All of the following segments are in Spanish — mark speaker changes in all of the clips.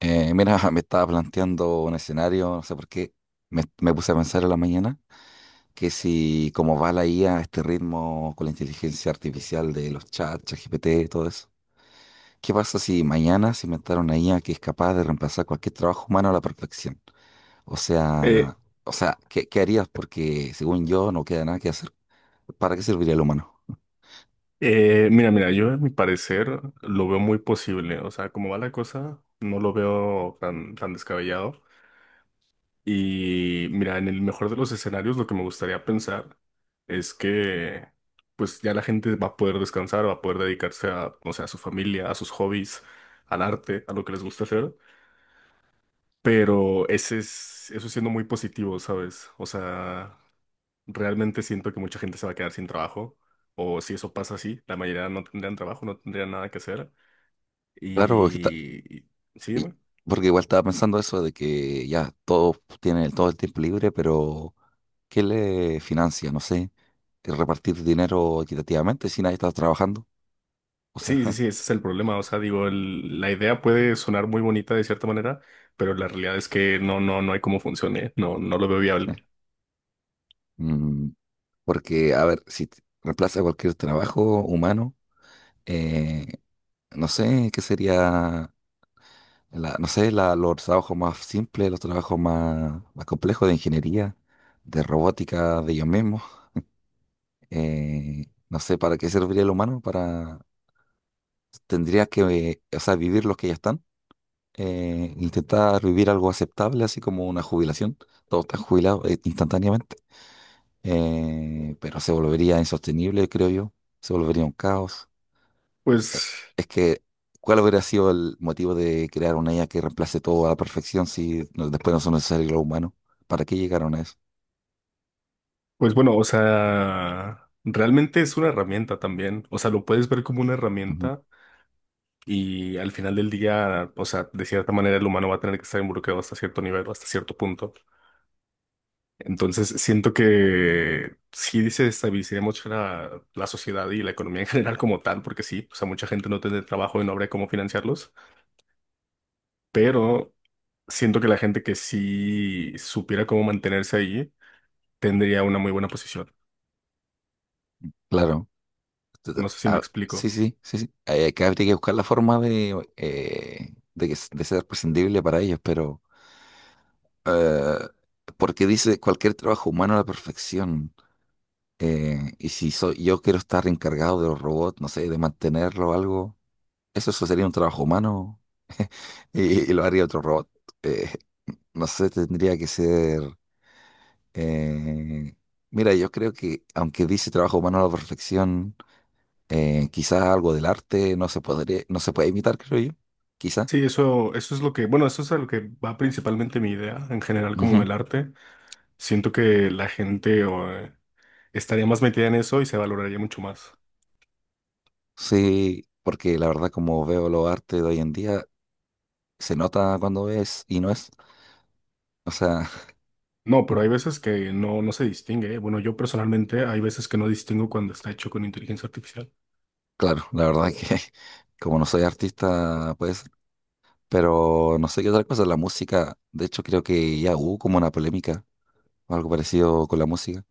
Speaker 1: Mira, me estaba planteando un escenario, no sé por qué, me puse a pensar en la mañana que si como va la IA a este ritmo con la inteligencia artificial de los chats, ChatGPT, todo eso. ¿Qué pasa si mañana se inventara una IA que es capaz de reemplazar cualquier trabajo humano a la perfección? O
Speaker 2: Eh,
Speaker 1: sea, o sea, ¿qué harías? Porque según yo no queda nada que hacer. ¿Para qué serviría el humano?
Speaker 2: mira, yo a mi parecer lo veo muy posible. O sea, como va la cosa, no lo veo tan, tan descabellado. Y mira, en el mejor de los escenarios, lo que me gustaría pensar es que pues ya la gente va a poder descansar, va a poder dedicarse a, no sé, a su familia, a sus hobbies, al arte, a lo que les gusta hacer. Pero ese es, eso siendo muy positivo, ¿sabes? O sea, realmente siento que mucha gente se va a quedar sin trabajo, o si eso pasa así, la mayoría no tendrían trabajo, no tendrían nada que hacer.
Speaker 1: Claro,
Speaker 2: Y... y- Sí, dime.
Speaker 1: porque igual estaba pensando eso de que ya todos tienen todo el tiempo libre, pero ¿qué le financia? No sé, el repartir dinero equitativamente si nadie está trabajando. O sea,
Speaker 2: Sí, sí, sí, ese es el problema. O sea, digo, el- la idea puede sonar muy bonita de cierta manera, pero la realidad es que no, no, no hay cómo funcione, no, no lo veo viable.
Speaker 1: mm, porque, a ver, si t- reemplaza cualquier trabajo humano, eh, no sé qué sería, no sé, los trabajos más simples, los trabajos más complejos de ingeniería, de robótica, de ellos mismos. No sé, ¿para qué serviría el humano? Para, tendría que, o sea, vivir los que ya están. Intentar vivir algo aceptable, así como una jubilación. Todos están jubilados instantáneamente, pero se volvería insostenible, creo yo. Se volvería un caos. Eh,
Speaker 2: Pues,
Speaker 1: es que, ¿cuál hubiera sido el motivo de crear una IA que reemplace todo a la perfección después no son necesarios los humanos? ¿Para qué llegaron a eso?
Speaker 2: pues bueno, o sea, realmente es una herramienta también. O sea, lo puedes ver como una
Speaker 1: Ujú.
Speaker 2: herramienta y al final del día, o sea, de cierta manera el humano va a tener que estar involucrado hasta cierto nivel, hasta cierto punto. Entonces, siento que sí desestabilizaría mucho la sociedad y la economía en general como tal, porque sí, o sea, mucha gente no tendría trabajo y no habría cómo financiarlos, pero siento que la gente que sí supiera cómo mantenerse ahí tendría una muy buena posición.
Speaker 1: Claro. Entonces,
Speaker 2: No sé si me
Speaker 1: ah,
Speaker 2: explico.
Speaker 1: sí, sí, sí, sí. Que habría que buscar la forma de, de ser prescindible para ellos, pero Eh, porque dice cualquier trabajo humano a la perfección. Y si soy, yo quiero estar encargado de los robots, no sé, de mantenerlo o algo, eso sería un trabajo humano y lo haría otro robot. Eh, no sé, tendría que ser... eh, mira, yo creo que aunque dice trabajo humano a la perfección, quizás algo del arte no se podría, no se puede imitar, creo yo. Quizá.
Speaker 2: Sí, eso es lo que, bueno, eso es a lo que va principalmente mi idea en general como
Speaker 1: Ujú.
Speaker 2: del arte. Siento que la gente o, estaría más metida en eso y se valoraría mucho más.
Speaker 1: Sí, porque la verdad como veo los artes de hoy en día, se nota cuando es y no es. O sea,
Speaker 2: No, pero hay veces que no, no se distingue, ¿eh? Bueno, yo personalmente hay veces que no distingo cuando está hecho con inteligencia artificial.
Speaker 1: claro, la verdad que como no soy artista, pues, pero no sé qué otra cosa, la música, de hecho creo que ya hubo como una polémica o algo parecido con la música,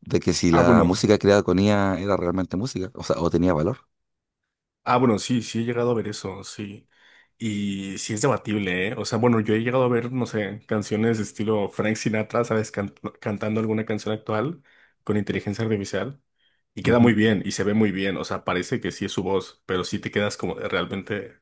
Speaker 1: de que si
Speaker 2: Ah,
Speaker 1: la
Speaker 2: bueno,
Speaker 1: música creada con IA era realmente música, o sea, o tenía valor.
Speaker 2: ah, bueno, sí, sí he llegado a ver eso, sí. Y sí es debatible, ¿eh? O sea, bueno, yo he llegado a ver, no sé, canciones de estilo Frank Sinatra, ¿sabes? Cantando alguna canción actual con inteligencia artificial. Y queda muy
Speaker 1: Ujú.
Speaker 2: bien, y se ve muy bien. O sea, parece que sí es su voz, pero sí te quedas como de, realmente,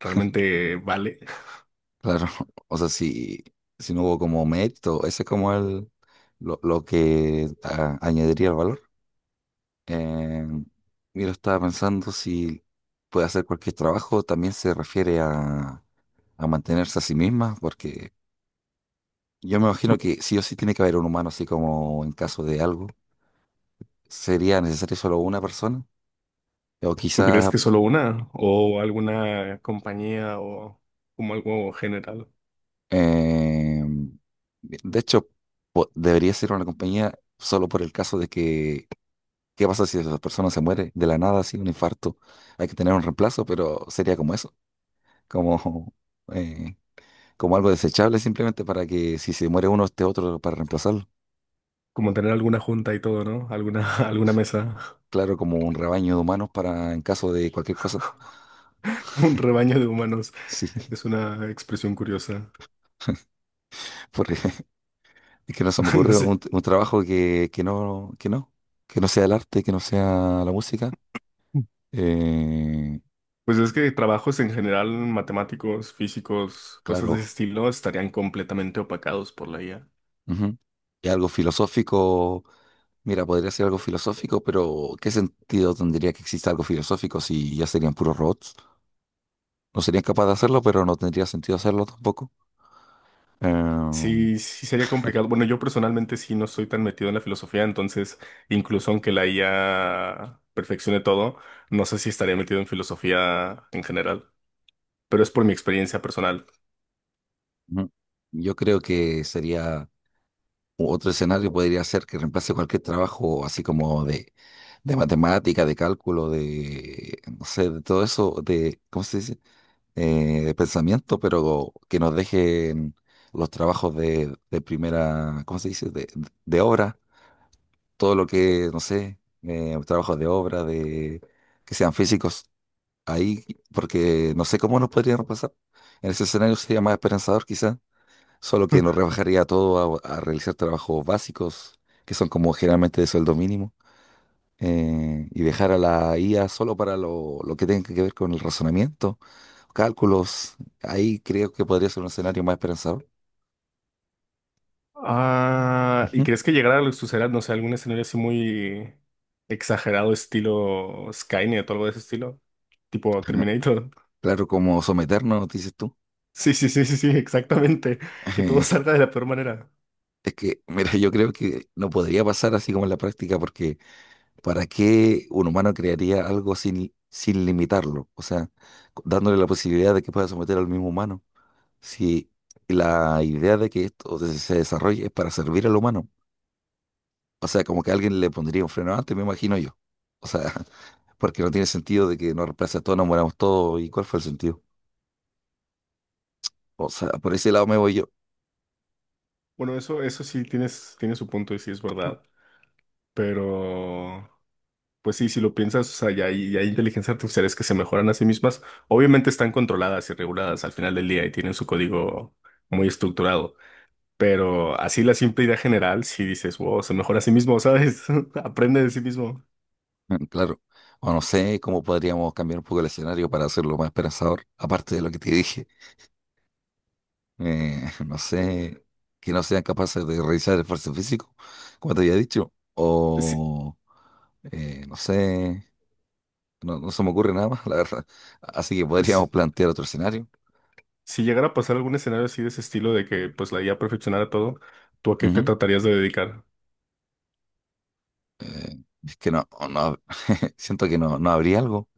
Speaker 2: realmente vale.
Speaker 1: Claro, o sea, si, si no hubo como mérito, ese es como el, lo, añadiría el valor. Eh, mira, estaba pensando si puede hacer cualquier trabajo, también se refiere a mantenerse a sí mismas, porque yo me imagino que sí o sí tiene que haber un humano, así como en caso de algo, sería necesario solo una persona, o
Speaker 2: ¿Tú crees
Speaker 1: quizás,
Speaker 2: que solo una o alguna compañía o como algo general?
Speaker 1: eh, de hecho, debería ser una compañía solo por el caso de que, ¿qué pasa si esa persona se muere de la nada, así un infarto? Hay que tener un reemplazo, pero sería como eso, como, eh, como algo desechable simplemente para que si se muere uno, esté otro para reemplazarlo.
Speaker 2: Como tener alguna junta y todo, ¿no? Alguna, alguna mesa,
Speaker 1: Claro, como un rebaño de humanos para en caso de cualquier cosa.
Speaker 2: un rebaño de humanos.
Speaker 1: Sí.
Speaker 2: Es una expresión curiosa.
Speaker 1: Porque es que no se me
Speaker 2: No
Speaker 1: ocurre
Speaker 2: sé.
Speaker 1: un trabajo que, que no sea el arte, que no sea la música. Eh,
Speaker 2: Pues es que trabajos en general, matemáticos, físicos, cosas de ese
Speaker 1: claro,
Speaker 2: estilo, estarían completamente opacados por la IA.
Speaker 1: ujú. Y algo filosófico, mira, podría ser algo filosófico, pero ¿qué sentido tendría que exista algo filosófico si ya serían puros robots? No serían capaces de hacerlo, pero no tendría sentido hacerlo tampoco. Eh,
Speaker 2: Sí, sí sería complicado. Bueno, yo personalmente sí no soy tan metido en la filosofía, entonces incluso aunque la IA perfeccione todo, no sé si estaría metido en filosofía en general, pero es por mi experiencia personal.
Speaker 1: ujú. Yo creo que sería. Otro escenario podría ser que reemplace cualquier trabajo así como de matemática, de cálculo, de, no sé, de todo eso, de, ¿cómo se dice? De pensamiento, pero que nos dejen los trabajos de primera, ¿cómo se dice? De obra, todo lo que, no sé, trabajos de obra, de, que sean físicos, ahí, porque no sé cómo nos podrían reemplazar. En ese escenario sería más esperanzador quizás, solo que nos rebajaría todo a realizar trabajos básicos, que son como generalmente de sueldo mínimo, y dejar a la IA solo para lo que tenga que ver con el razonamiento, cálculos. Ahí creo que podría ser un escenario más esperanzador.
Speaker 2: Ah, ¿y
Speaker 1: Ujú.
Speaker 2: crees que llegara a lo que sucederá, no sé, algún escenario así muy exagerado, estilo Skynet o algo de ese estilo? Tipo
Speaker 1: Ajá.
Speaker 2: Terminator.
Speaker 1: Claro, como someternos, dices tú.
Speaker 2: Sí, sí, sí, sí, sí, exactamente. Que todo salga de la peor manera.
Speaker 1: Es que, mira, yo creo que no podría pasar así como en la práctica, porque ¿para qué un humano crearía algo sin limitarlo? O sea, dándole la posibilidad de que pueda someter al mismo humano. Si la idea de que esto se desarrolle es para servir al humano. O sea, como que alguien le pondría un freno antes, me imagino yo. O sea, porque no tiene sentido de que nos reemplace a todos, nos moramos todos. ¿Y cuál fue el sentido? O sea, por ese lado me voy yo.
Speaker 2: Bueno, eso sí tienes, tiene su punto y sí es verdad. Pero. Pues sí, si lo piensas, o sea, ya hay inteligencias artificiales que se mejoran a sí mismas. Obviamente están controladas y reguladas al final del día y tienen su código muy estructurado. Pero así la simple idea general, si dices, wow, se mejora a sí mismo, ¿sabes? Aprende de sí mismo.
Speaker 1: Mm, claro. O no sé cómo podríamos cambiar un poco el escenario para hacerlo más esperanzador, aparte de lo que te dije. No sé, que no sean capaces de realizar el esfuerzo físico, como te había dicho.
Speaker 2: Si,
Speaker 1: O, no sé. No, no se me ocurre nada más, la verdad. Así que
Speaker 2: si-
Speaker 1: podríamos plantear otro escenario.
Speaker 2: si llegara a pasar algún escenario así de ese estilo de que pues la IA perfeccionara todo, ¿tú a qué te
Speaker 1: Ujú.
Speaker 2: tratarías de dedicar?
Speaker 1: Eh, es que no, no, siento que no, no habría algo.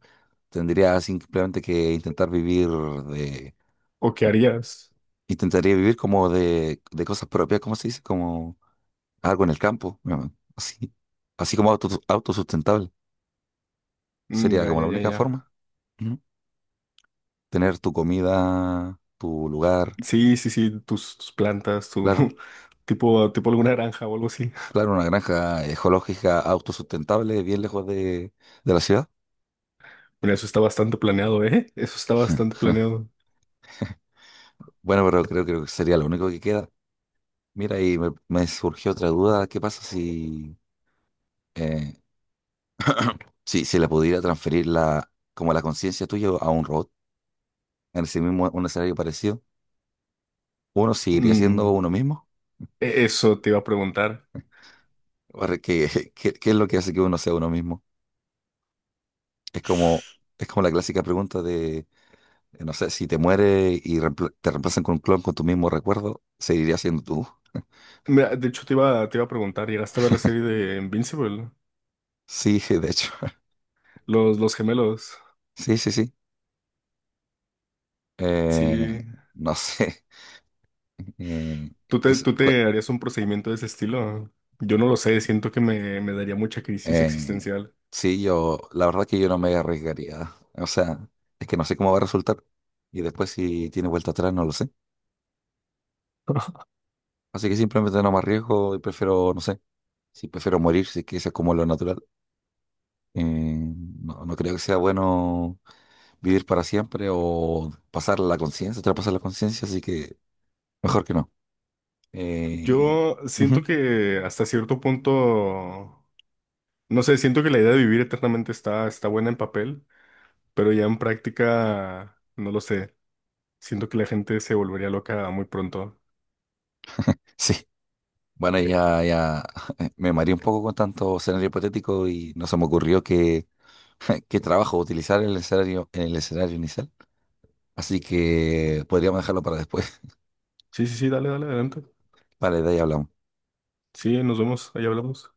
Speaker 1: Tendría simplemente que intentar vivir de,
Speaker 2: ¿O qué harías?
Speaker 1: intentaría vivir como de, cosas propias, ¿cómo se dice? Como algo en el campo, ¿no? Así, así como auto, autosustentable.
Speaker 2: Mm,
Speaker 1: Sería
Speaker 2: ya,
Speaker 1: como
Speaker 2: ya,
Speaker 1: la
Speaker 2: ya,
Speaker 1: única forma.
Speaker 2: ya.
Speaker 1: Ujú. Tener tu comida, tu lugar,
Speaker 2: Sí, sí, sí, tus, tus plantas, tu
Speaker 1: claro.
Speaker 2: tipo, tipo alguna granja o algo así.
Speaker 1: Claro, una granja ecológica autosustentable bien lejos de la ciudad.
Speaker 2: Bueno, eso está bastante planeado, ¿eh? Eso está bastante planeado.
Speaker 1: Bueno, pero creo, creo que sería lo único que queda. Mira, y me surgió otra duda. ¿Qué pasa si, eh, si la pudiera transferir la, como la conciencia tuya a un robot en ese mismo, un escenario parecido? ¿Uno seguiría siendo
Speaker 2: Mm,
Speaker 1: uno mismo?
Speaker 2: e- eso te iba a preguntar.
Speaker 1: O ¿qué, qué es lo que hace que uno sea uno mismo? Es como, es como la clásica pregunta de, no sé, si te mueres y te reemplazan con un clon con tu mismo recuerdo, ¿seguirías siendo tú?
Speaker 2: Mira, de hecho, te iba a preguntar, ¿llegaste a ver la serie de Invincible?
Speaker 1: Sí, de hecho.
Speaker 2: Los gemelos.
Speaker 1: Sí, sí, sí.
Speaker 2: Sí.
Speaker 1: Eh, no sé. Eh, es-
Speaker 2: Tú te harías un procedimiento de ese estilo? Yo no lo sé, siento que me daría mucha crisis
Speaker 1: Eh,
Speaker 2: existencial.
Speaker 1: sí, yo, la verdad que yo no me arriesgaría. O sea, es que no sé cómo va a resultar. Y después si tiene vuelta atrás, no lo sé. Así que simplemente no me arriesgo y prefiero, no sé, si prefiero morir, si es que eso es como lo natural. No, no creo que sea bueno vivir para siempre o pasar la conciencia, traspasar la conciencia, así que mejor que no. Eh,
Speaker 2: Yo siento
Speaker 1: ujú,
Speaker 2: que hasta cierto punto, no sé, siento que la idea de vivir eternamente está, está buena en papel, pero ya en práctica, no lo sé. Siento que la gente se volvería loca muy pronto.
Speaker 1: sí. Bueno, ya, ya me mareé un poco con tanto escenario hipotético y no se me ocurrió que qué trabajo utilizar en el escenario inicial. Así que podríamos dejarlo para después.
Speaker 2: Sí, sí, sí, dale, dale, adelante.
Speaker 1: Vale, de ahí hablamos.
Speaker 2: Sí, nos vemos, ahí hablamos.